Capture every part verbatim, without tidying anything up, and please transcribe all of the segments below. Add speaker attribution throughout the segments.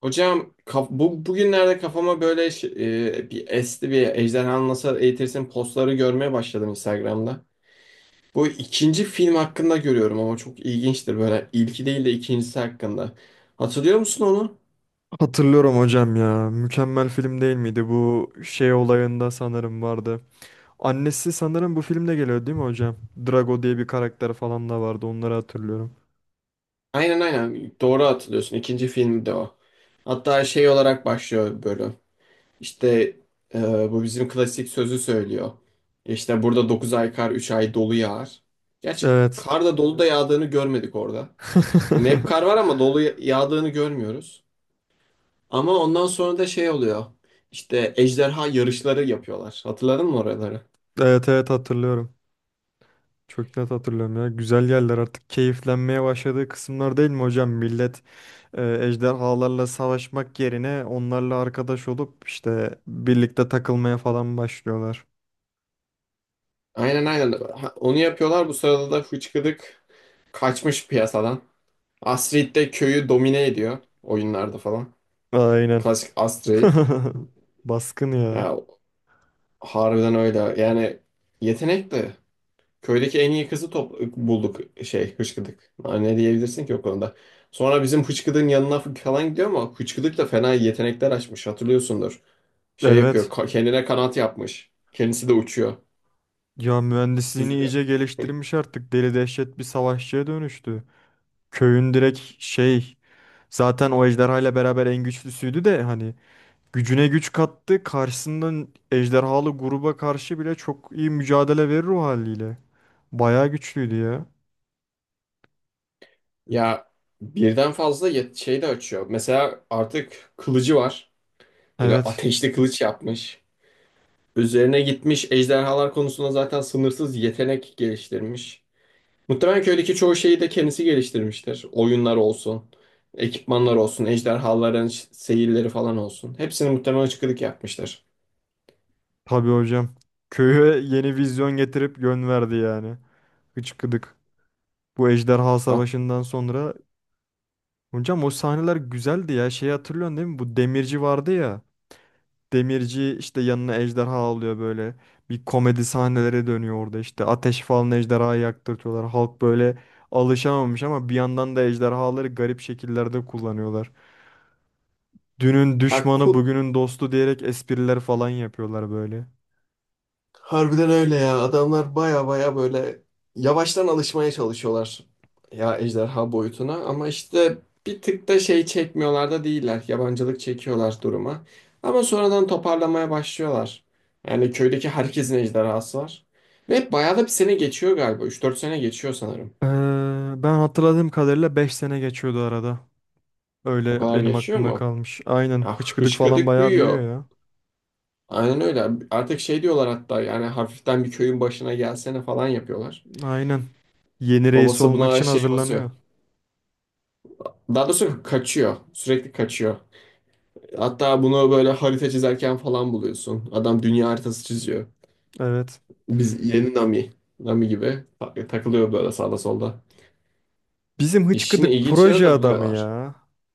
Speaker 1: Hocam kaf- bu bugünlerde kafama böyle ş- e, bir esti, bir Ejderhanı Nasıl Eğitirsin postları görmeye başladım Instagram'da. Bu ikinci film hakkında görüyorum ama çok ilginçtir böyle İlki değil de ikincisi hakkında. Hatırlıyor musun onu?
Speaker 2: Hatırlıyorum hocam ya. Mükemmel film değil miydi? Bu şey olayında sanırım vardı. Annesi sanırım bu filmde geliyor değil mi hocam? Drago diye bir karakter falan da vardı. Onları hatırlıyorum.
Speaker 1: Aynen aynen, doğru hatırlıyorsun, ikinci film de o. Hatta şey olarak başlıyor bölüm. İşte e, bu bizim klasik sözü söylüyor. İşte burada dokuz ay kar üç ay dolu yağar. Gerçi
Speaker 2: Evet.
Speaker 1: kar da dolu da yağdığını görmedik orada. Hani hep kar var ama dolu yağdığını görmüyoruz. Ama ondan sonra da şey oluyor. İşte ejderha yarışları yapıyorlar. Hatırladın mı oraları?
Speaker 2: Evet evet hatırlıyorum. Çok net hatırlıyorum ya. Güzel yerler artık keyiflenmeye başladığı kısımlar değil mi hocam? Millet e, ejderhalarla savaşmak yerine onlarla arkadaş olup işte birlikte takılmaya falan başlıyorlar.
Speaker 1: Aynen aynen. Ha, onu yapıyorlar. Bu sırada da Hıçkıdık kaçmış piyasadan. Astrid de köyü domine ediyor oyunlarda falan.
Speaker 2: Aynen.
Speaker 1: Klasik Astrid.
Speaker 2: Baskın ya.
Speaker 1: Ya harbiden öyle. Yani yetenekli. Köydeki en iyi kızı top bulduk şey hıçkıdık. Ha, ne diyebilirsin ki o konuda. Sonra bizim hıçkıdığın yanına falan gidiyor ama hıçkıdık da fena yetenekler açmış, hatırlıyorsundur. Şey yapıyor,
Speaker 2: Evet.
Speaker 1: ka- kendine kanat yapmış. Kendisi de uçuyor.
Speaker 2: Ya mühendisliğini
Speaker 1: Süzülüyor.
Speaker 2: iyice geliştirmiş artık. Deli dehşet bir savaşçıya dönüştü. Köyün direkt şey zaten o ejderhayla beraber en güçlüsüydü de hani gücüne güç kattı. Karşısından ejderhalı gruba karşı bile çok iyi mücadele verir o haliyle. Bayağı güçlüydü ya.
Speaker 1: Ya birden fazla yet- şey de açıyor. Mesela artık kılıcı var. Böyle
Speaker 2: Evet,
Speaker 1: ateşli kılıç yapmış. Üzerine gitmiş ejderhalar konusunda zaten sınırsız yetenek geliştirmiş. Muhtemelen köydeki çoğu şeyi de kendisi geliştirmiştir. Oyunlar olsun, ekipmanlar olsun, ejderhaların ş- seyirleri falan olsun. Hepsini muhtemelen çıkılık yapmıştır.
Speaker 2: tabii hocam. Köye yeni vizyon getirip yön verdi yani. Hıçkıdık. Bu ejderha savaşından sonra. Hocam o sahneler güzeldi ya. Şeyi hatırlıyorsun değil mi? Bu demirci vardı ya. Demirci işte yanına ejderha alıyor böyle. Bir komedi sahneleri dönüyor orada işte. Ateş falan ejderhayı yaktırtıyorlar. Halk böyle alışamamış ama bir yandan da ejderhaları garip şekillerde kullanıyorlar. Dünün
Speaker 1: Hatta
Speaker 2: düşmanı bugünün dostu diyerek espriler falan yapıyorlar böyle.
Speaker 1: harbiden öyle ya. Adamlar baya baya böyle yavaştan alışmaya çalışıyorlar ya ejderha boyutuna, ama işte bir tık da şey çekmiyorlar da değiller. Yabancılık çekiyorlar duruma. Ama sonradan toparlamaya başlıyorlar. Yani köydeki herkesin ejderhası var. Ve bayağı da bir sene geçiyor galiba. Üç dört sene geçiyor sanırım.
Speaker 2: Ee, ben hatırladığım kadarıyla beş sene geçiyordu arada.
Speaker 1: O
Speaker 2: Öyle
Speaker 1: kadar
Speaker 2: benim
Speaker 1: geçiyor
Speaker 2: aklımda
Speaker 1: mu?
Speaker 2: kalmış. Aynen
Speaker 1: Ya
Speaker 2: hıçkıdık falan
Speaker 1: hışkıdık
Speaker 2: bayağı büyüyor
Speaker 1: büyüyor.
Speaker 2: ya.
Speaker 1: Aynen öyle. Artık şey diyorlar hatta, yani hafiften, bir köyün başına gelsene falan yapıyorlar.
Speaker 2: Aynen. Yeni reis
Speaker 1: Babası
Speaker 2: olmak
Speaker 1: buna
Speaker 2: için
Speaker 1: şey basıyor.
Speaker 2: hazırlanıyor.
Speaker 1: Daha doğrusu kaçıyor. Sürekli kaçıyor. Hatta bunu böyle harita çizerken falan buluyorsun. Adam dünya haritası çiziyor.
Speaker 2: Evet.
Speaker 1: Biz yeni Nami. Nami gibi ta- takılıyor böyle sağda solda.
Speaker 2: Bizim
Speaker 1: İşini
Speaker 2: hıçkıdık
Speaker 1: ilginç yere
Speaker 2: proje
Speaker 1: de
Speaker 2: adamı
Speaker 1: buluyorlar.
Speaker 2: ya.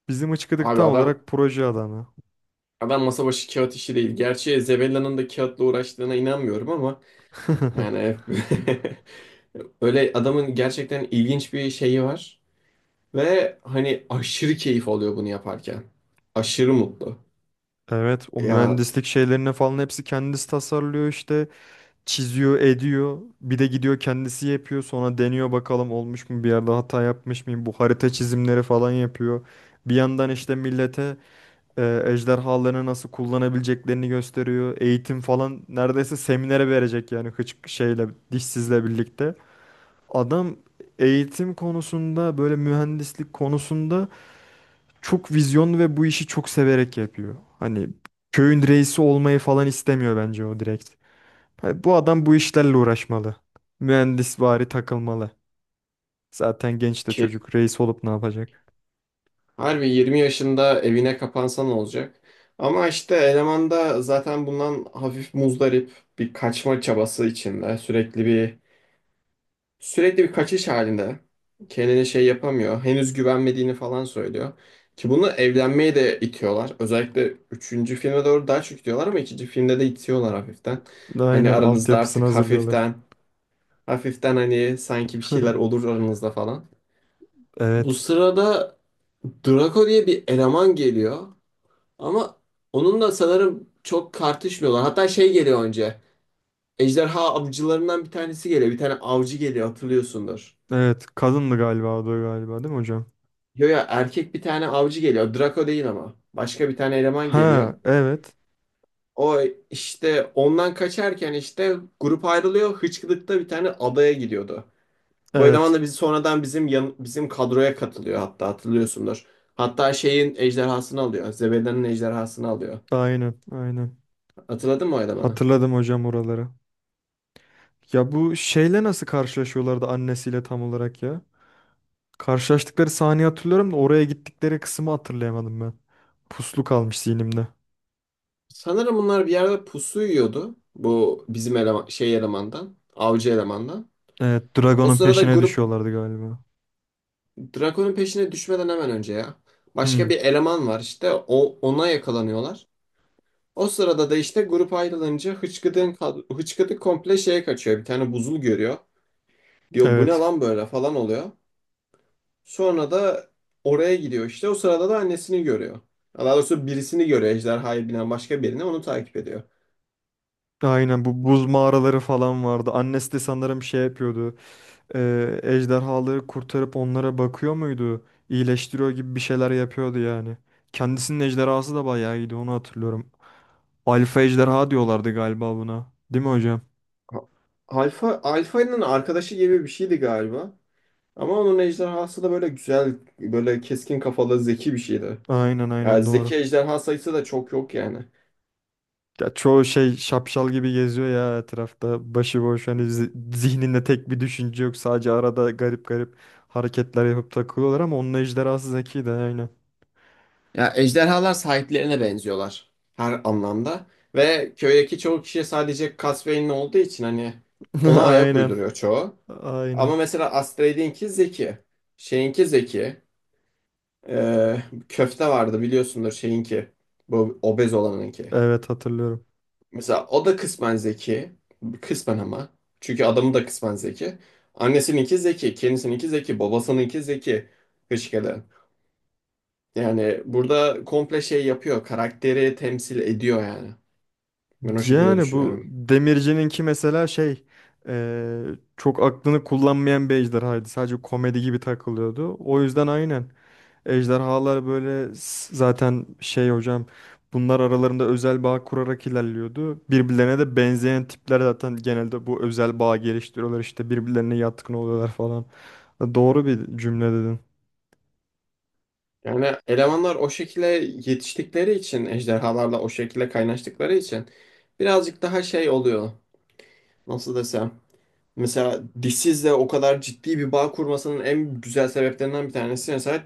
Speaker 2: Bizim hıçkıdık
Speaker 1: Abi
Speaker 2: tam
Speaker 1: adam
Speaker 2: olarak proje adamı.
Speaker 1: adam masa başı kağıt işi değil. Gerçi Zebella'nın da kağıtla uğraştığına inanmıyorum ama yani öyle adamın gerçekten ilginç bir şeyi var. Ve hani aşırı keyif alıyor bunu yaparken. Aşırı mutlu.
Speaker 2: Evet, o
Speaker 1: Ya
Speaker 2: mühendislik şeylerine falan hepsi kendisi tasarlıyor işte. Çiziyor, ediyor. Bir de gidiyor kendisi yapıyor. Sonra deniyor bakalım olmuş mu bir yerde hata yapmış mıyım. Bu harita çizimleri falan yapıyor. Bir yandan işte millete e, ejderhalarını nasıl kullanabileceklerini gösteriyor. Eğitim falan neredeyse seminere verecek yani hıçk şeyle dişsizle birlikte. Adam eğitim konusunda böyle mühendislik konusunda çok vizyonlu ve bu işi çok severek yapıyor. Hani köyün reisi olmayı falan istemiyor bence o direkt. Ha, bu adam bu işlerle uğraşmalı. Mühendisvari takılmalı. Zaten genç de çocuk reis olup ne yapacak?
Speaker 1: harbi yirmi yaşında evine kapansan olacak. Ama işte eleman da zaten bundan hafif muzdarip, bir kaçma çabası içinde. Sürekli bir sürekli bir kaçış halinde. Kendine şey yapamıyor. Henüz güvenmediğini falan söylüyor. Ki bunu evlenmeye de itiyorlar. Özellikle üçüncü filme doğru daha çok itiyorlar ama ikinci filmde de itiyorlar hafiften. Hani
Speaker 2: Aynen
Speaker 1: aranızda
Speaker 2: altyapısını
Speaker 1: artık
Speaker 2: hazırlıyorlar.
Speaker 1: hafiften hafiften, hani sanki bir şeyler olur aranızda falan. Bu
Speaker 2: Evet.
Speaker 1: sırada Draco diye bir eleman geliyor. Ama onunla sanırım çok tartışmıyorlar. Hatta şey geliyor önce. Ejderha avcılarından bir tanesi geliyor. Bir tane avcı geliyor, hatırlıyorsundur.
Speaker 2: Evet, kadındı galiba o da galiba değil mi hocam?
Speaker 1: Yo ya, erkek bir tane avcı geliyor. Draco değil ama. Başka bir tane eleman
Speaker 2: Ha,
Speaker 1: geliyor.
Speaker 2: evet.
Speaker 1: O işte ondan kaçarken işte grup ayrılıyor. Hıçkırık'ta bir tane adaya gidiyordu. Bu eleman
Speaker 2: Evet.
Speaker 1: da bizi sonradan bizim yan- bizim kadroya katılıyor hatta, hatırlıyorsundur. Hatta şeyin ejderhasını alıyor. Zebeda'nın ejderhasını alıyor.
Speaker 2: Aynen, aynen.
Speaker 1: Hatırladın mı o elemanı?
Speaker 2: Hatırladım hocam oraları. Ya bu şeyle nasıl karşılaşıyorlardı annesiyle tam olarak ya? Karşılaştıkları sahneyi hatırlıyorum da oraya gittikleri kısmı hatırlayamadım ben. Puslu kalmış zihnimde.
Speaker 1: Sanırım bunlar bir yerde pusu yiyordu. Bu bizim eleman, şey elemandan. Avcı elemandan.
Speaker 2: Evet,
Speaker 1: O
Speaker 2: Dragon'un
Speaker 1: sırada
Speaker 2: peşine
Speaker 1: grup
Speaker 2: düşüyorlardı galiba.
Speaker 1: Drakon'un peşine düşmeden hemen önce ya.
Speaker 2: Hmm,
Speaker 1: Başka bir eleman var işte. O, ona yakalanıyorlar. O sırada da işte grup ayrılınca hıçkıdığın, kad- hıçkıdık komple şeye kaçıyor. Bir tane buzul görüyor. Diyor bu ne
Speaker 2: evet.
Speaker 1: lan böyle falan oluyor. Sonra da oraya gidiyor işte. O sırada da annesini görüyor. Daha doğrusu birisini görüyor. Ejderhaya binen başka birini onu takip ediyor.
Speaker 2: Aynen bu buz mağaraları falan vardı. Annesi de sanırım şey yapıyordu. E, ejderhaları kurtarıp onlara bakıyor muydu? İyileştiriyor gibi bir şeyler yapıyordu yani. Kendisinin ejderhası da bayağı iyiydi onu hatırlıyorum. Alfa ejderha diyorlardı galiba buna. Değil mi hocam?
Speaker 1: Ha- Alfa, Alfa'nın arkadaşı gibi bir şeydi galiba. Ama onun ejderhası da böyle güzel, böyle keskin kafalı, zeki bir şeydi.
Speaker 2: Aynen
Speaker 1: Yani
Speaker 2: aynen doğru.
Speaker 1: zeki ejderha sayısı da çok yok yani.
Speaker 2: Ya çoğu şey şapşal gibi geziyor ya etrafta. Başıboş hani zi- zihninde tek bir düşünce yok. Sadece arada garip garip hareketler yapıp takılıyorlar ama onun ejderhası zeki de aynen.
Speaker 1: Ya ejderhalar sahiplerine benziyorlar her anlamda ve köydeki çoğu kişi sadece Casvein'in olduğu için hani, ona ayak
Speaker 2: Aynen.
Speaker 1: uyduruyor çoğu. Ama
Speaker 2: Aynen.
Speaker 1: mesela Astrid'inki zeki, şeyinki zeki, Ee, köfte vardı biliyorsundur şeyinki, bu obez olanınki.
Speaker 2: Evet, hatırlıyorum.
Speaker 1: Mesela o da kısmen zeki, kısmen ama çünkü adamı da kısmen zeki. Annesininki zeki, kendisininki zeki, babasınınki zeki, Hışkede. Yani burada komple şey yapıyor. Karakteri temsil ediyor yani. Ben o şekilde
Speaker 2: Yani bu
Speaker 1: düşünüyorum.
Speaker 2: Demirci'ninki mesela şey eee, çok aklını kullanmayan bir ejderhaydı. Sadece komedi gibi takılıyordu. O yüzden aynen. Ejderhalar böyle s- zaten şey hocam bunlar aralarında özel bağ kurarak ilerliyordu. Birbirlerine de benzeyen tipler zaten genelde bu özel bağ geliştiriyorlar işte birbirlerine yatkın oluyorlar falan. E, doğru bir cümle dedin.
Speaker 1: Yani elemanlar o şekilde yetiştikleri için, ejderhalarla o şekilde kaynaştıkları için birazcık daha şey oluyor. Nasıl desem? Mesela dişsizle o kadar ciddi bir bağ kurmasının en güzel sebeplerinden bir tanesi, mesela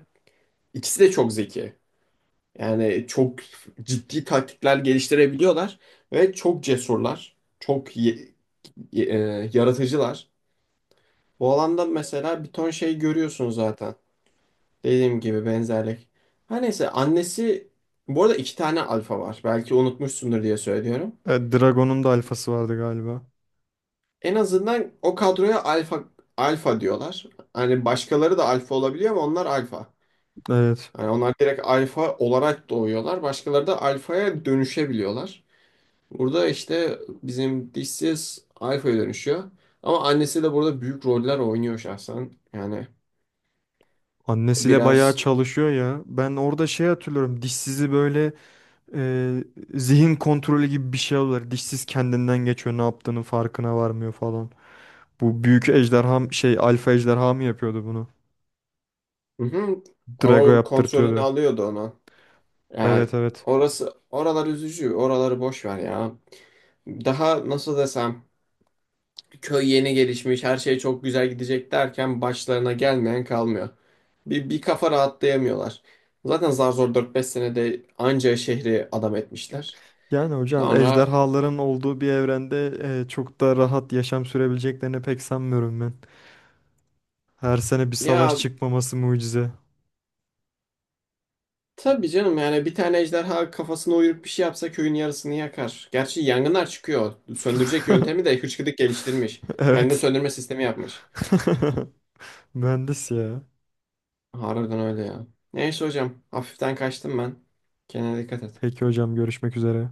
Speaker 1: ikisi de çok zeki. Yani çok ciddi taktikler geliştirebiliyorlar ve çok cesurlar, çok ye- e, yaratıcılar. Bu alanda mesela bir ton şey görüyorsun zaten. Dediğim gibi benzerlik. Her neyse, annesi bu arada iki tane alfa var. Belki unutmuşsundur diye söylüyorum.
Speaker 2: E, Dragon'un da alfası vardı galiba.
Speaker 1: En azından o kadroya alfa alfa diyorlar. Hani başkaları da alfa olabiliyor ama onlar alfa.
Speaker 2: Evet.
Speaker 1: Hani onlar direkt alfa olarak doğuyorlar. Başkaları da alfaya dönüşebiliyorlar. Burada işte bizim dişsiz alfaya dönüşüyor. Ama annesi de burada büyük roller oynuyor şahsen. Yani
Speaker 2: Annesiyle bayağı
Speaker 1: biraz.
Speaker 2: çalışıyor ya. Ben orada şey hatırlıyorum. Dişsizi böyle Ee, zihin kontrolü gibi bir şey oluyor. Dişsiz kendinden geçiyor, ne yaptığının farkına varmıyor falan. Bu büyük ejderha m- şey alfa ejderha mı yapıyordu bunu?
Speaker 1: Hı hı.
Speaker 2: Drago
Speaker 1: O kontrolünü
Speaker 2: yaptırtıyordu.
Speaker 1: alıyordu onu. Yani
Speaker 2: Evet, evet.
Speaker 1: orası, oralar üzücü. Oraları boş ver ya. Daha nasıl desem, köy yeni gelişmiş, her şey çok güzel gidecek derken başlarına gelmeyen kalmıyor. Bir, bir kafa rahatlayamıyorlar. Zaten zar zor dört beş senede anca şehri adam etmişler.
Speaker 2: Yani hocam
Speaker 1: Sonra
Speaker 2: ejderhaların olduğu bir evrende e, çok da rahat yaşam sürebileceklerini pek sanmıyorum ben. Her sene bir savaş
Speaker 1: ya
Speaker 2: çıkmaması mucize.
Speaker 1: tabii canım, yani bir tane ejderha kafasına uyurup bir şey yapsa köyün yarısını yakar. Gerçi yangınlar çıkıyor. Söndürecek yöntemi de hıçkıdık geliştirmiş. Yangın
Speaker 2: Evet.
Speaker 1: söndürme sistemi yapmış.
Speaker 2: Mühendis ya.
Speaker 1: Harbiden öyle ya. Neyse hocam. Hafiften kaçtım ben. Kendine dikkat et.
Speaker 2: Peki hocam görüşmek üzere.